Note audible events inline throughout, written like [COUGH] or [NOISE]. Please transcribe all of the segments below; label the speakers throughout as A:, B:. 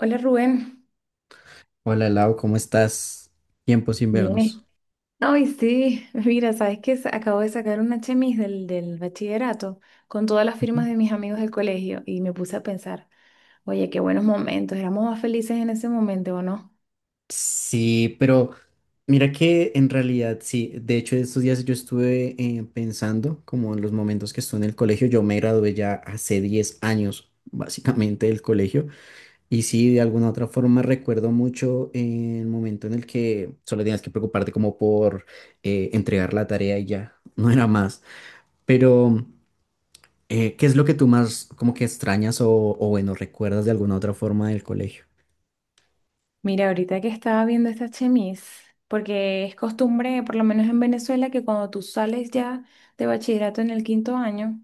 A: Hola Rubén,
B: Hola Lau, ¿cómo estás? Tiempo sin
A: ¿vienes?
B: vernos.
A: Ay, sí, [LAUGHS] mira, sabes que acabo de sacar una chemis del bachillerato con todas las firmas
B: Ujú.
A: de mis amigos del colegio y me puse a pensar, oye, qué buenos momentos, éramos más felices en ese momento, ¿o no?
B: Sí, pero mira que en realidad sí. De hecho, estos días yo estuve pensando como en los momentos que estuve en el colegio. Yo me gradué ya hace 10 años, básicamente, del colegio. Y sí, de alguna otra forma recuerdo mucho el momento en el que solo tenías que preocuparte como por entregar la tarea y ya, no era más. Pero. ¿Qué es lo que tú más como que extrañas o bueno, recuerdas de alguna otra forma del colegio?
A: Mira, ahorita que estaba viendo esta chemis, porque es costumbre, por lo menos en Venezuela, que cuando tú sales ya de bachillerato en el quinto año.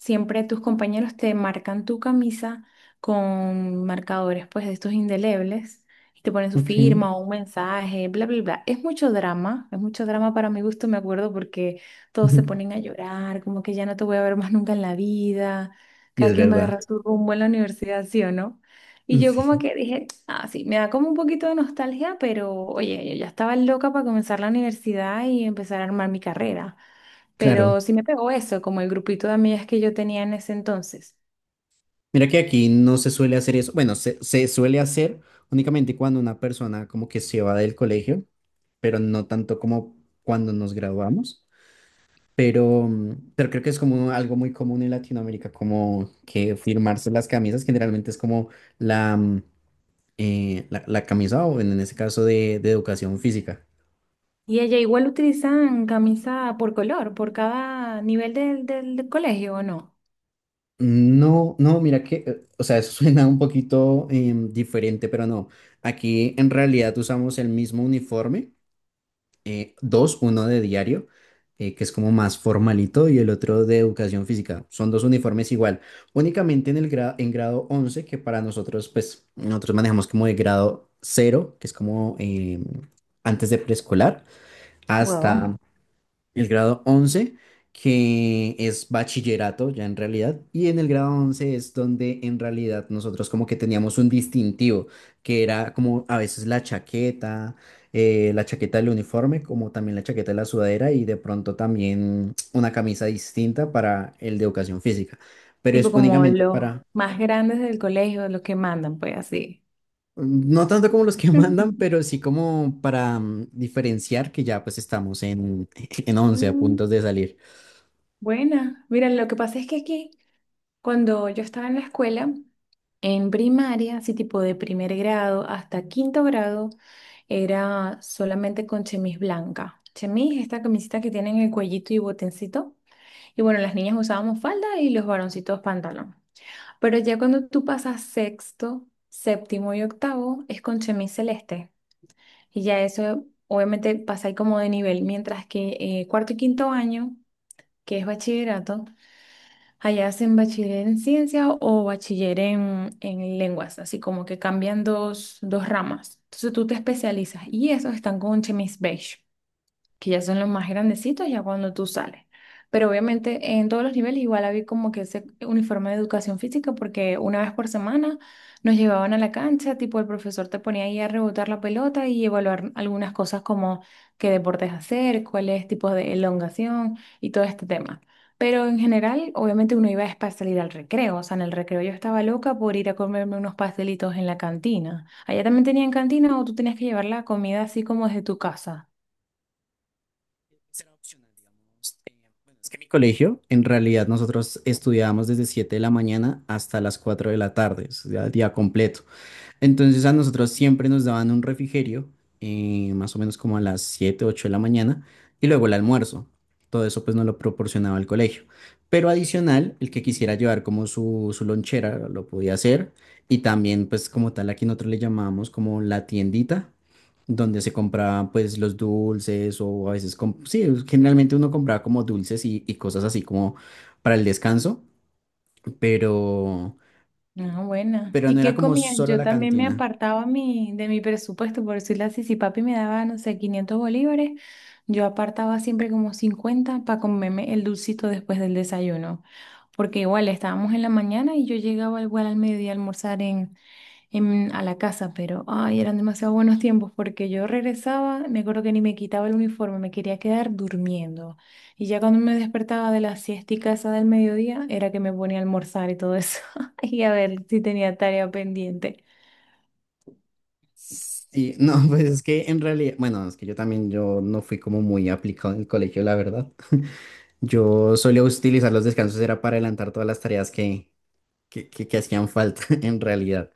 A: Siempre tus compañeros te marcan tu camisa con marcadores, pues, de estos indelebles y te ponen su
B: Ok.
A: firma o un mensaje, bla, bla, bla. Es mucho drama para mi gusto, me acuerdo, porque todos se ponen a
B: [LAUGHS]
A: llorar, como que ya no te voy a ver más nunca en la vida.
B: Y
A: Cada
B: es
A: quien va a
B: verdad.
A: agarrar su rumbo en la universidad, ¿sí o no? Y yo como
B: Sí,
A: que dije, ah, sí, me da como un poquito de nostalgia, pero oye, yo ya estaba loca para comenzar la universidad y empezar a armar mi carrera.
B: claro.
A: Pero sí me pegó eso, como el grupito de amigas que yo tenía en ese entonces.
B: Mira que aquí no se suele hacer eso. Bueno, se suele hacer únicamente cuando una persona como que se va del colegio, pero no tanto como cuando nos graduamos. Pero creo que es como algo muy común en Latinoamérica, como que firmarse las camisas. Generalmente es como la, mm, la camisa o en ese caso de educación física.
A: Y ella igual utilizan camisa por color, por cada nivel del colegio, ¿o no?
B: No, no, mira que, o sea, eso [LAUGHS] suena un poquito diferente, pero no. Aquí en realidad usamos el mismo uniforme, dos, uno de diario, que es como más formalito, y el otro de educación física. Son dos uniformes igual, únicamente en grado 11, que para nosotros, pues, nosotros manejamos como de grado cero, que es como antes de preescolar, hasta
A: Wow.
B: el grado 11, que es bachillerato ya en realidad, y en el grado 11 es donde en realidad nosotros como que teníamos un distintivo, que era como a veces la chaqueta del uniforme, como también la chaqueta de la sudadera y de pronto también una camisa distinta para el de educación física, pero
A: Tipo
B: es
A: como
B: únicamente
A: los
B: para.
A: más grandes del colegio, los que mandan, pues así.
B: No tanto como los que [LAUGHS] mandan, pero
A: [LAUGHS]
B: sí como para diferenciar que ya pues estamos en, [LAUGHS] en 11 a
A: Mm,
B: puntos de salir.
A: buena. Mira, lo que pasa es que aquí. Cuando yo estaba en la escuela, en primaria, así tipo de primer grado hasta quinto grado, era solamente con chemis blanca. Chemis, esta camisita que tienen el cuellito y botoncito. Y bueno, las niñas usábamos falda y los varoncitos pantalón. Pero ya cuando tú pasas sexto, séptimo y octavo, es con chemis celeste. Y ya eso, obviamente, pasa ahí como de nivel. Mientras que cuarto y quinto año, que es bachillerato, allá hacen bachiller en ciencia o bachiller en lenguas, así como que cambian dos ramas. Entonces tú te especializas y esos están con un chemis beige que ya son los más grandecitos, ya cuando tú sales. Pero obviamente en todos los niveles igual había como que ese uniforme de educación física porque una vez por semana nos llevaban a la cancha, tipo el profesor te ponía ahí a rebotar la pelota y evaluar algunas cosas como qué deportes hacer, cuáles tipos de elongación y todo este tema. Pero en general, obviamente uno iba es para salir al recreo, o sea, en el recreo yo estaba loca por ir a comerme unos pastelitos en la cantina. ¿Allá también tenían cantina o tú tenías que llevar la comida así como desde tu casa?
B: Será opcional, digamos. Bueno, es que mi colegio, en realidad, nosotros estudiábamos desde 7 de la mañana hasta las 4 de la tarde, o sea, día completo. Entonces a nosotros siempre nos daban un refrigerio, más o menos como a las 7 8 de la mañana, y luego el almuerzo. Todo eso pues nos lo proporcionaba el colegio. Pero adicional, el que quisiera llevar como su lonchera lo podía hacer. Y también pues como tal aquí nosotros le llamábamos como la tiendita, donde se compraban pues los dulces o a veces, sí, generalmente uno compraba como dulces y cosas así como para el descanso, pero,
A: Ah, buena.
B: pero no
A: ¿Y
B: era
A: qué
B: como
A: comías?
B: solo
A: Yo
B: la
A: también me
B: cantina.
A: apartaba mi, de mi presupuesto, por decirlo así, si papi me daba, no sé, 500 bolívares, yo apartaba siempre como 50 para comerme el dulcito después del desayuno, porque igual estábamos en la mañana y yo llegaba igual al mediodía a almorzar a la casa, pero ay, eran demasiado buenos tiempos porque yo regresaba, me acuerdo que ni me quitaba el uniforme, me quería quedar durmiendo. Y ya cuando me despertaba de la siestica esa del mediodía, era que me ponía a almorzar y todo eso, [LAUGHS] y a ver si tenía tarea pendiente.
B: Sí, no, [LAUGHS] pues es que en realidad, bueno, es que yo también, yo no fui como muy aplicado en el colegio, la verdad. [LAUGHS] Yo solía utilizar los descansos, era para adelantar todas las tareas que hacían falta [LAUGHS] en realidad.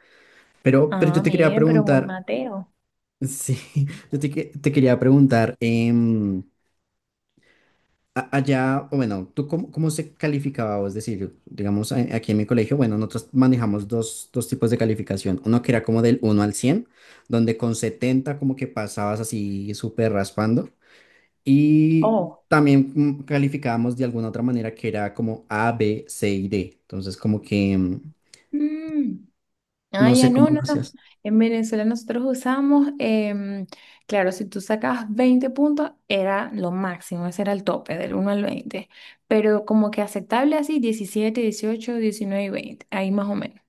B: Pero
A: Ah,
B: yo te quería
A: mira, pero muy
B: preguntar,
A: Mateo.
B: sí, [LAUGHS] te quería preguntar, allá, o bueno, ¿tú cómo, se calificaba? O es decir, digamos, aquí en mi colegio, bueno, nosotros manejamos dos tipos de calificación. Uno que era como del 1 al 100, donde con 70 como que pasabas así súper raspando. Y
A: Oh.
B: también calificábamos de alguna otra manera, que era como A, B, C y D. Entonces, como que
A: Mm. Ah,
B: no
A: ya
B: sé
A: no,
B: cómo lo
A: no, no.
B: hacías.
A: En Venezuela nosotros usamos, claro, si tú sacabas 20 puntos, era lo máximo, ese era el tope, del uno al 20. Pero como que aceptable así, 17, 18, 19 y 20 ahí más o menos.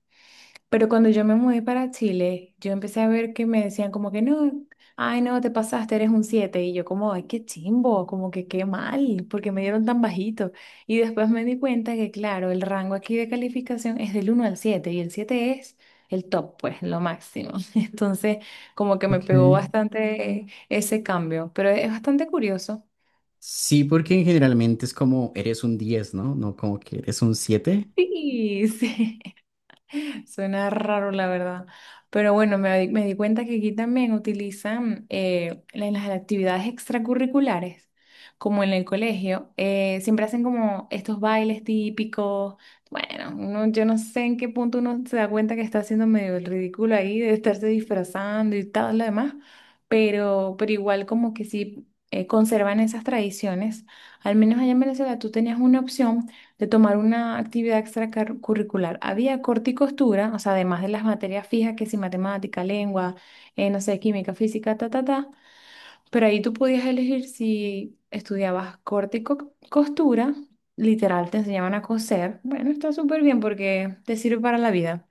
A: Pero cuando yo me mudé para Chile, yo empecé a ver que me decían como que no, ay no, te pasaste, eres un siete. Y yo como, ay, qué chimbo, como que qué mal, porque me dieron tan bajito. Y después me di cuenta que, claro, el rango aquí de calificación es del uno al 7 y el 7 es el top, pues, lo máximo. [LAUGHS] Entonces, como que me
B: Ok.
A: pegó bastante ese cambio, pero es bastante curioso.
B: Sí, porque generalmente es como eres un 10, ¿no? No como que eres un 7.
A: Sí, [LAUGHS] sí. [LAUGHS] Suena raro, la verdad. Pero bueno, me di cuenta que aquí también utilizan en las actividades extracurriculares, como en el colegio, siempre hacen como estos bailes típicos. Bueno, yo no sé en qué punto uno se da cuenta que está haciendo medio el ridículo ahí de estarse disfrazando y todo lo demás, pero igual como que sí conservan esas tradiciones. Al menos allá en Venezuela tú tenías una opción de tomar una actividad extracurricular. Había corte y costura, o sea, además de las materias fijas, que si matemática, lengua, no sé, química, física, ta, ta, ta, pero ahí tú podías elegir si estudiabas corte y costura, literal, te enseñaban a coser. Bueno, está súper bien porque te sirve para la vida.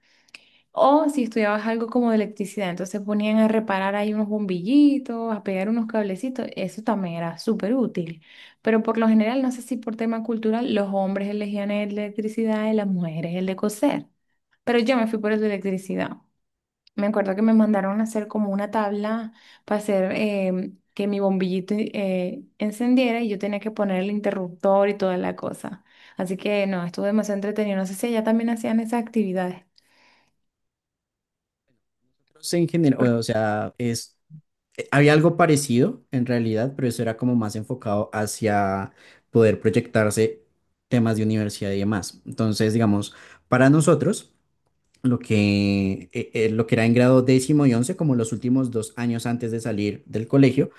A: O si estudiabas algo como de electricidad, entonces ponían a reparar ahí unos bombillitos, a pegar unos cablecitos, eso también era súper útil. Pero por lo general, no sé si por tema cultural, los hombres elegían el de electricidad y las mujeres el de coser. Pero yo me fui por el de electricidad. Me acuerdo que me mandaron a hacer como una tabla para hacer que mi bombillito encendiera y yo tenía que poner el interruptor y toda la cosa. Así que no, estuvo demasiado entretenido. No sé si allá también hacían esas actividades.
B: No sé, en general,
A: Porque-
B: o sea, es Había algo parecido en realidad, pero eso era como más enfocado hacia poder proyectarse temas de universidad y demás. Entonces, digamos, para nosotros, lo que era en grado 10.º y once, como los últimos 2 años antes de salir del colegio,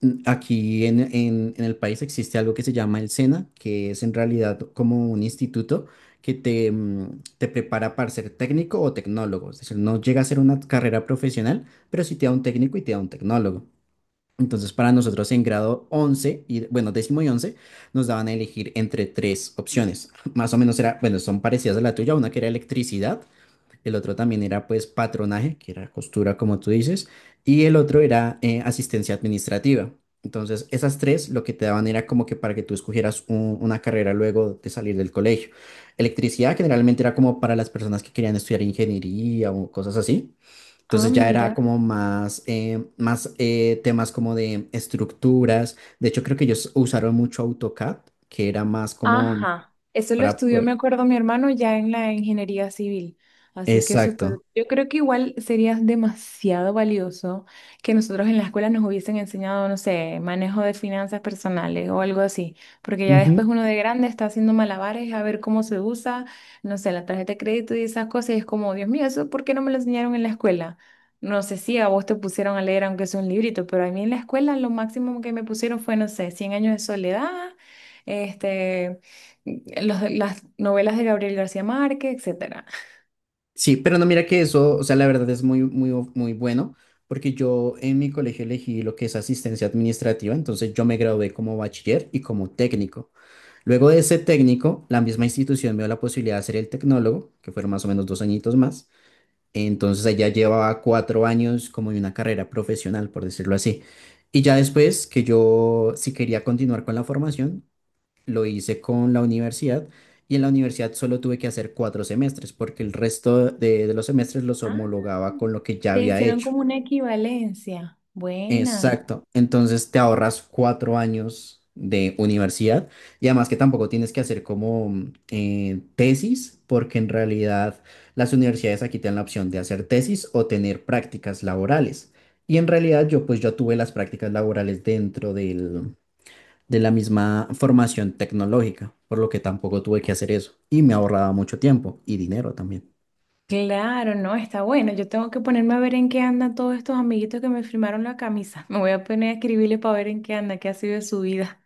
B: aquí en el país existe algo que se llama el SENA, que es en realidad como un instituto que te prepara para ser técnico o tecnólogo. Es decir, no llega a ser una carrera profesional, pero sí te da un técnico y te da un tecnólogo. Entonces, para nosotros en grado 11 y, bueno, décimo y 11 nos daban a elegir entre tres opciones. [LAUGHS] Más o menos era, bueno, son parecidas a la tuya, una que era electricidad, el otro también era pues patronaje, que era costura, como tú dices, y el otro era asistencia administrativa. Entonces, esas tres lo que te daban era como que para que tú escogieras una carrera luego de salir del colegio. Electricidad generalmente era como para las personas que querían estudiar ingeniería o cosas así.
A: Ah,
B: Entonces ya era
A: mira.
B: como más temas como de estructuras. De hecho, creo que ellos usaron mucho AutoCAD, que era más como
A: Ajá, eso lo
B: para
A: estudió, me
B: poder.
A: acuerdo, mi hermano ya en la ingeniería civil. Así que
B: Exacto.
A: súper, yo creo que igual sería demasiado valioso que nosotros en la escuela nos hubiesen enseñado, no sé, manejo de finanzas personales o algo así, porque ya
B: Ujú.
A: después uno de grande está haciendo malabares a ver cómo se usa, no sé, la tarjeta de crédito y esas cosas, y es como, Dios mío, ¿eso por qué no me lo enseñaron en la escuela? No sé si a vos te pusieron a leer aunque sea un librito, pero a mí en la escuela lo máximo que me pusieron fue, no sé, Cien años de soledad. Este, las novelas de Gabriel García Márquez, etcétera.
B: Sí, pero no, mira que eso, o sea, la verdad es muy, muy, muy bueno, porque yo en mi colegio elegí lo que es asistencia administrativa, entonces yo me gradué como bachiller y como técnico. Luego de ese técnico, la misma institución me dio la posibilidad de hacer el tecnólogo, que fueron más o menos 2 añitos más. Entonces allá llevaba 4 años como de una carrera profesional, por decirlo así. Y ya después que yo, si quería continuar con la formación, lo hice con la universidad, y en la universidad solo tuve que hacer 4 semestres porque el resto de los semestres los
A: Ah,
B: homologaba con lo que ya
A: te
B: había
A: hicieron
B: hecho.
A: como una equivalencia. Buena.
B: Exacto. Entonces te ahorras 4 años de universidad, y además que tampoco tienes que hacer como tesis, porque en realidad las universidades aquí te dan la opción de hacer tesis o tener prácticas laborales. Y en realidad yo pues yo tuve las prácticas laborales dentro del, de la misma formación tecnológica, por lo que tampoco tuve que hacer eso, y me ahorraba mucho tiempo y dinero también.
A: Claro, no, está bueno. Yo tengo que ponerme a ver en qué andan todos estos amiguitos que me firmaron la camisa. Me voy a poner a escribirle para ver en qué anda, qué ha sido de su vida.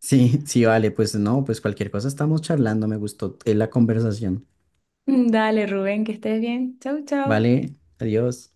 B: Sí, [LAUGHS] sí, vale, pues no, pues cualquier cosa estamos charlando, me gustó la conversación.
A: [LAUGHS] Dale, Rubén, que estés bien. Chau, chau.
B: Vale, adiós.